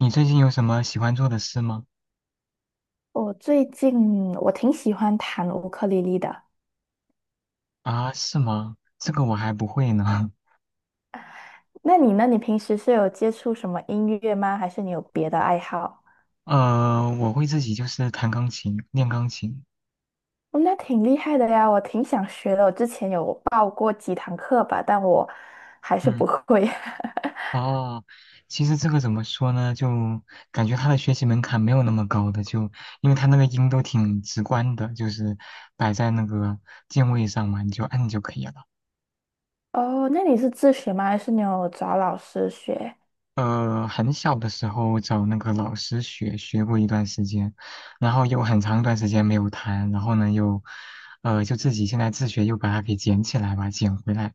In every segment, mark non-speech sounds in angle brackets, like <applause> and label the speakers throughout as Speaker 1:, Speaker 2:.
Speaker 1: 你最近有什么喜欢做的事吗？
Speaker 2: 我最近挺喜欢弹乌克丽丽的。
Speaker 1: 啊，是吗？这个我还不会呢。
Speaker 2: 那你呢？你平时是有接触什么音乐吗？还是你有别的爱好？
Speaker 1: <laughs> 我会自己就是弹钢琴，练钢琴。
Speaker 2: 哦，那挺厉害的呀，我挺想学的。我之前有报过几堂课吧，但我还是
Speaker 1: 嗯，
Speaker 2: 不会。<laughs>
Speaker 1: 哦，其实这个怎么说呢？就感觉它的学习门槛没有那么高的，就因为它那个音都挺直观的，就是摆在那个键位上嘛，你就按就可以了。
Speaker 2: 哦，那你是自学吗？还是你有找老师学？
Speaker 1: 很小的时候找那个老师学过一段时间，然后又很长一段时间没有弹，然后呢又，就自己现在自学又把它给捡起来吧，捡回来。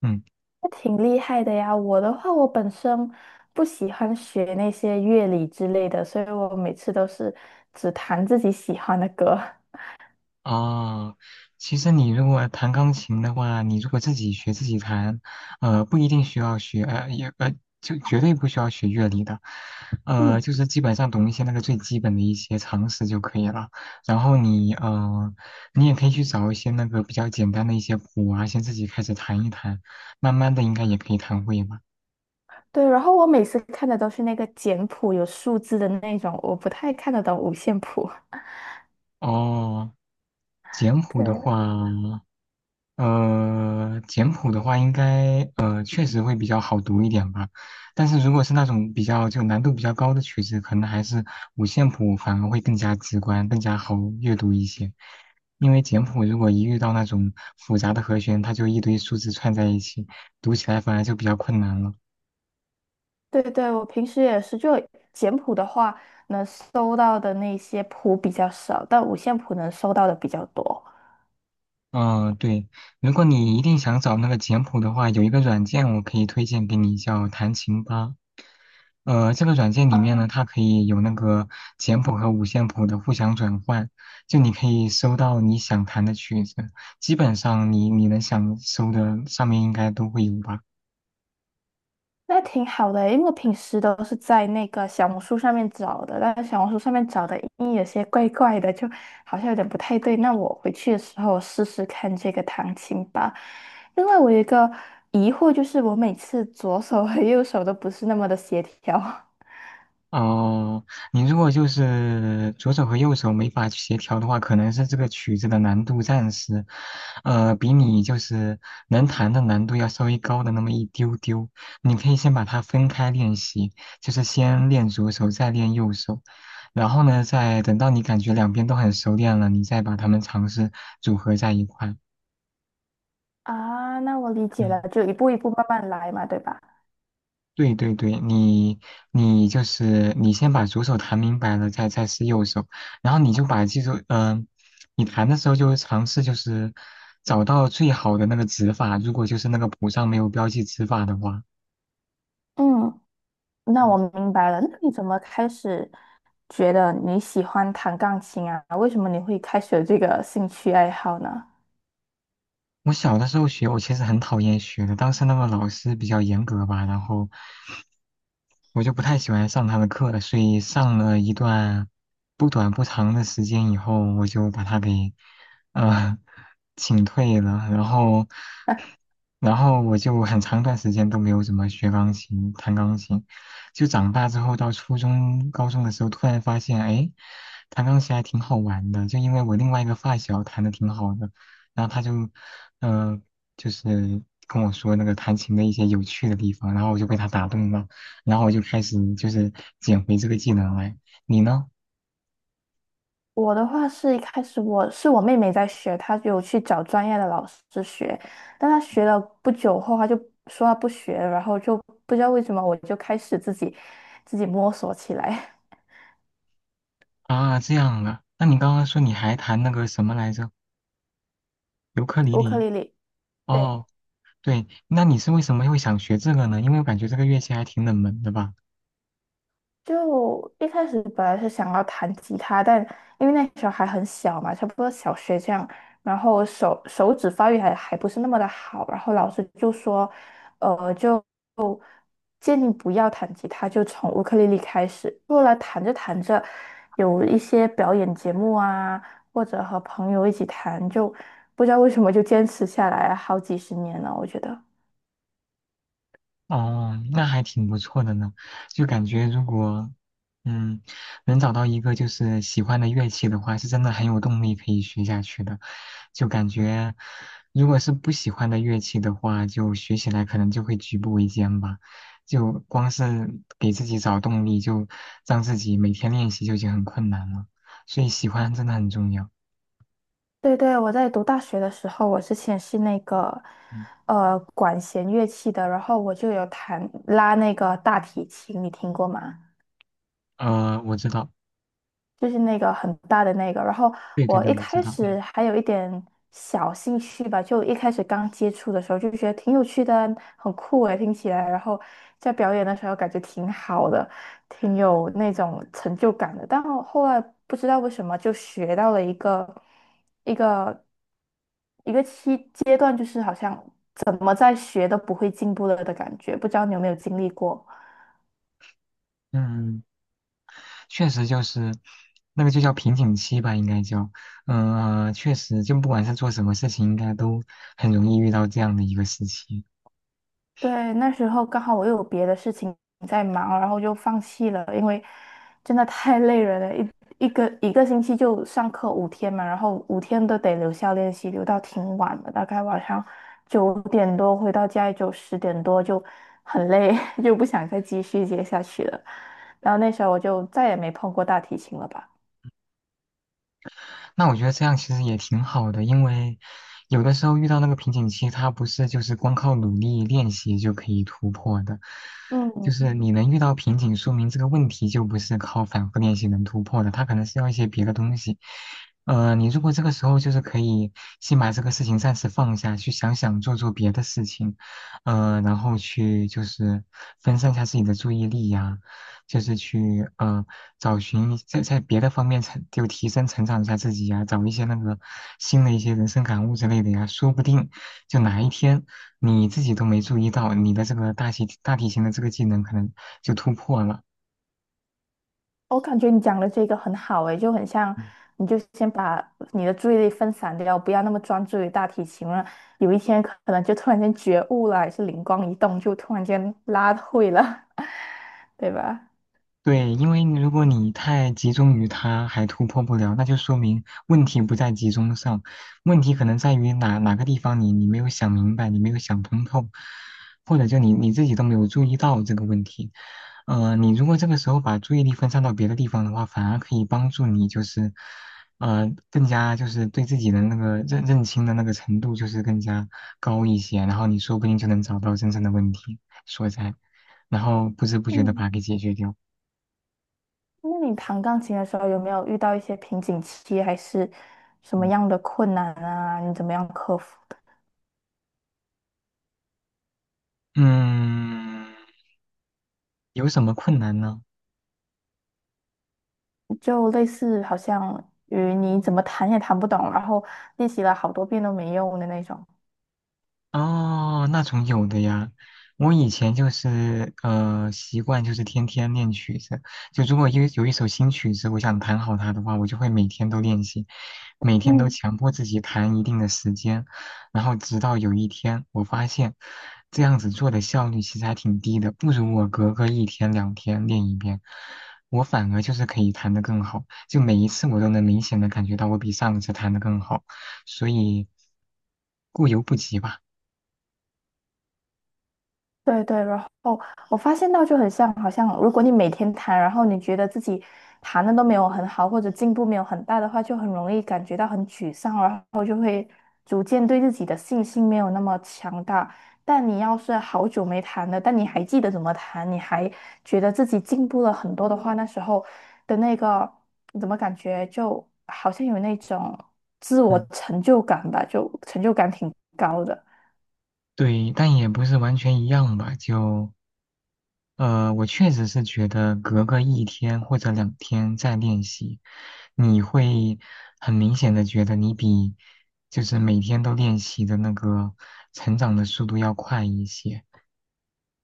Speaker 1: 嗯。
Speaker 2: 那挺厉害的呀。我的话，我本身不喜欢学那些乐理之类的，所以我每次都是只弹自己喜欢的歌。<laughs>
Speaker 1: 哦，其实你如果弹钢琴的话，你如果自己学自己弹，不一定需要学,就绝对不需要学乐理的，
Speaker 2: 嗯。
Speaker 1: 就是基本上懂一些那个最基本的一些常识就可以了。然后你，你也可以去找一些那个比较简单的一些谱啊，先自己开始弹一弹，慢慢的应该也可以弹会吧。
Speaker 2: 对，然后我每次看的都是那个简谱有数字的那种，我不太看得懂五线谱。<laughs>
Speaker 1: 哦，简谱的话。
Speaker 2: 对
Speaker 1: 简谱的话，应该确实会比较好读一点吧。但是如果是那种比较就难度比较高的曲子，可能还是五线谱反而会更加直观，更加好阅读一些。因为简谱如果一遇到那种复杂的和弦，它就一堆数字串在一起，读起来反而就比较困难了。
Speaker 2: 对对，我平时也是，就简谱的话，能搜到的那些谱比较少，但五线谱能搜到的比较多。
Speaker 1: 嗯，对，如果你一定想找那个简谱的话，有一个软件我可以推荐给你，叫弹琴吧。这个软件里面
Speaker 2: 啊，
Speaker 1: 呢，它可以有那个简谱和五线谱的互相转换，就你可以搜到你想弹的曲子，基本上你能想搜的上面应该都会有吧。
Speaker 2: 那挺好的欸，因为我平时都是在那个小红书上面找的，但是小红书上面找的音有些怪怪的，就好像有点不太对。那我回去的时候试试看这个弹琴吧。另外，我有一个疑惑，就是我每次左手和右手都不是那么的协调。 <laughs>
Speaker 1: 哦，你如果就是左手和右手没法协调的话，可能是这个曲子的难度暂时，比你就是能弹的难度要稍微高的那么一丢丢。你可以先把它分开练习，就是先练左手，再练右手，然后呢，再等到你感觉两边都很熟练了，你再把它们尝试组合在一块。
Speaker 2: 啊。那我理解了，
Speaker 1: 嗯。
Speaker 2: 就一步一步慢慢来嘛，对吧？
Speaker 1: 对对对，你就是你先把左手弹明白了，再试右手，然后你就把记住，你弹的时候就尝试就是找到最好的那个指法，如果就是那个谱上没有标记指法的话，
Speaker 2: 嗯，那我明白了。那你怎么开始觉得你喜欢弹钢琴啊？为什么你会开始有这个兴趣爱好呢？
Speaker 1: 我小的时候学，我其实很讨厌学的，当时那个老师比较严格吧，然后我就不太喜欢上他的课，所以上了一段不短不长的时间以后，我就把他给呃请退了，然后
Speaker 2: <laughs>
Speaker 1: 然后我就很长一段时间都没有怎么学钢琴、弹钢琴，就长大之后到初中、高中的时候，突然发现，哎，弹钢琴还挺好玩的，就因为我另外一个发小弹的挺好的。然后他就嗯、就是跟我说那个弹琴的一些有趣的地方，然后我就被他打动了，然后我就开始就是捡回这个技能来。你呢？
Speaker 2: 我的话是一开始我妹妹在学，她有去找专业的老师学，但她学了不久后，她就说她不学了然后就不知道为什么我就开始自己摸索起来。
Speaker 1: 啊，这样啊，那你刚刚说你还弹那个什么来着？尤克
Speaker 2: <laughs>
Speaker 1: 里
Speaker 2: 乌克
Speaker 1: 里？
Speaker 2: 丽丽。对。
Speaker 1: 哦，对，那你是为什么会想学这个呢？因为我感觉这个乐器还挺冷门的吧。
Speaker 2: 就一开始本来是想要弹吉他，但因为那时候还很小嘛，差不多小学这样，然后手指发育还不是那么的好，然后老师就说，就建议不要弹吉他，就从乌克丽丽开始。后来弹着弹着，有一些表演节目啊，或者和朋友一起弹，就不知道为什么就坚持下来好几十年了，我觉得。
Speaker 1: 哦，那还挺不错的呢，就感觉如果，嗯，能找到一个就是喜欢的乐器的话，是真的很有动力可以学下去的。就感觉，如果是不喜欢的乐器的话，就学起来可能就会举步维艰吧。就光是给自己找动力，就让自己每天练习就已经很困难了。所以喜欢真的很重要。
Speaker 2: 对对，我在读大学的时候，我之前是那个
Speaker 1: 嗯，
Speaker 2: 管弦乐器的，然后我就有弹拉那个大提琴，你听过吗？
Speaker 1: 我知道，
Speaker 2: 就是那个很大的那个。然后
Speaker 1: 对对
Speaker 2: 我
Speaker 1: 对，
Speaker 2: 一
Speaker 1: 我知
Speaker 2: 开
Speaker 1: 道。嗯
Speaker 2: 始还有一点小兴趣吧，就一开始刚接触的时候就觉得挺有趣的啊，很酷诶，听起来。然后在表演的时候感觉挺好的，挺有那种成就感的。但我后来不知道为什么就学到了一个一个一个期阶段，就是好像怎么在学都不会进步了的感觉。不知道你有没有经历过？
Speaker 1: 嗯。确实就是那个就叫瓶颈期吧，应该叫，确实就不管是做什么事情，应该都很容易遇到这样的一个时期。
Speaker 2: 对，那时候刚好我又有别的事情在忙，然后就放弃了，因为真的太累人了，一个星期就上课五天嘛，然后五天都得留校练习，留到挺晚的，大概晚上九点多回到家也就十点多，就很累，<laughs> 就不想再继续接下去了。然后那时候我就再也没碰过大提琴了吧。
Speaker 1: 那我觉得这样其实也挺好的，因为有的时候遇到那个瓶颈期，它不是就是光靠努力练习就可以突破的，就
Speaker 2: 嗯，
Speaker 1: 是你能遇到瓶颈，说明这个问题就不是靠反复练习能突破的，它可能是要一些别的东西。你如果这个时候就是可以先把这个事情暂时放下，去想想做做别的事情，然后去就是分散一下自己的注意力呀、就是去找寻在别的方面成就提升成长一下自己呀、找一些那个新的一些人生感悟之类的呀，说不定就哪一天你自己都没注意到，你的这个大体型的这个技能可能就突破了，
Speaker 2: 我感觉你讲的这个很好诶，就很像，你就先把你的注意力分散掉，不要那么专注于大提琴了。有一天可能就突然间觉悟了，还是灵光一动，就突然间拉会了，<laughs> 对吧？
Speaker 1: 对，因为如果你太集中于它还突破不了，那就说明问题不在集中上，问题可能在于哪个地方你没有想明白，你没有想通透，或者就你自己都没有注意到这个问题。你如果这个时候把注意力分散到别的地方的话，反而可以帮助你就是，更加就是对自己的那个认清的那个程度就是更加高一些，然后你说不定就能找到真正的问题所在，然后不知不觉的把
Speaker 2: 嗯。
Speaker 1: 它给解决掉。
Speaker 2: 那你弹钢琴的时候有没有遇到一些瓶颈期，还是什么
Speaker 1: 嗯，
Speaker 2: 样的困难啊？你怎么样克服的？
Speaker 1: 嗯有什么困难呢？
Speaker 2: 就类似好像与你怎么弹也弹不懂，然后练习了好多遍都没用的那种。
Speaker 1: 哦，那种有的呀。我以前就是习惯就是天天练曲子，就如果有一首新曲子，我想弹好它的话，我就会每天都练习。每天都
Speaker 2: 嗯。
Speaker 1: 强迫自己弹一定的时间，然后直到有一天我发现，这样子做的效率其实还挺低的，不如我隔个一天两天练一遍，我反而就是可以弹得更好，就每一次我都能明显的感觉到我比上一次弹得更好，所以过犹不及吧，
Speaker 2: 对对，然后我发现到就很像，好像如果你每天弹，然后你觉得自己弹的都没有很好，或者进步没有很大的话，就很容易感觉到很沮丧，然后就会逐渐对自己的信心没有那么强大。但你要是好久没弹了，但你还记得怎么弹，你还觉得自己进步了很多的话，那时候的那个怎么感觉就好像有那种自我
Speaker 1: 嗯，
Speaker 2: 成就感吧，就成就感挺高的。
Speaker 1: 对，但也不是完全一样吧，就。我确实是觉得隔个一天或者两天再练习，你会很明显的觉得你比就是每天都练习的那个成长的速度要快一些。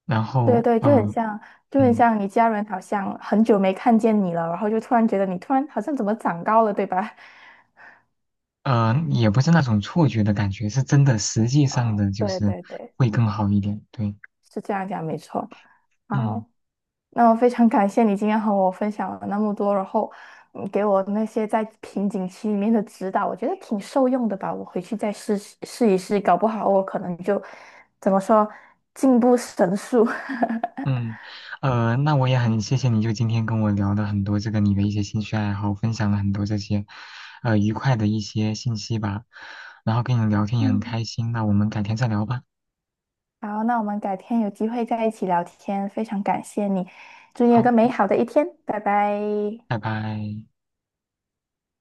Speaker 1: 然
Speaker 2: 对
Speaker 1: 后，
Speaker 2: 对，就很像，就很
Speaker 1: 嗯，
Speaker 2: 像你家人好像很久没看见你了，然后就突然觉得你突然好像怎么长高了，对吧？
Speaker 1: 也不是那种错觉的感觉，是真的，实际
Speaker 2: <laughs>
Speaker 1: 上
Speaker 2: 啊，
Speaker 1: 的就
Speaker 2: 对
Speaker 1: 是
Speaker 2: 对对，
Speaker 1: 会更好一点。对，
Speaker 2: 是这样讲没错。好，
Speaker 1: 嗯。
Speaker 2: 那我非常感谢你今天和我分享了那么多，然后你给我那些在瓶颈期里面的指导，我觉得挺受用的吧。我回去再试一试，搞不好我可能就怎么说进步神速。<laughs>
Speaker 1: 嗯，那我也很谢谢你，就今天跟我聊了很多这个你的一些兴趣爱好，分享了很多这些，愉快的一些信息吧。然后跟你聊天也很
Speaker 2: 嗯。
Speaker 1: 开心，那我们改天再聊吧。
Speaker 2: 好，那我们改天有机会再一起聊天，非常感谢你，祝你有
Speaker 1: 好，
Speaker 2: 个美好的一天，拜拜。
Speaker 1: 拜拜。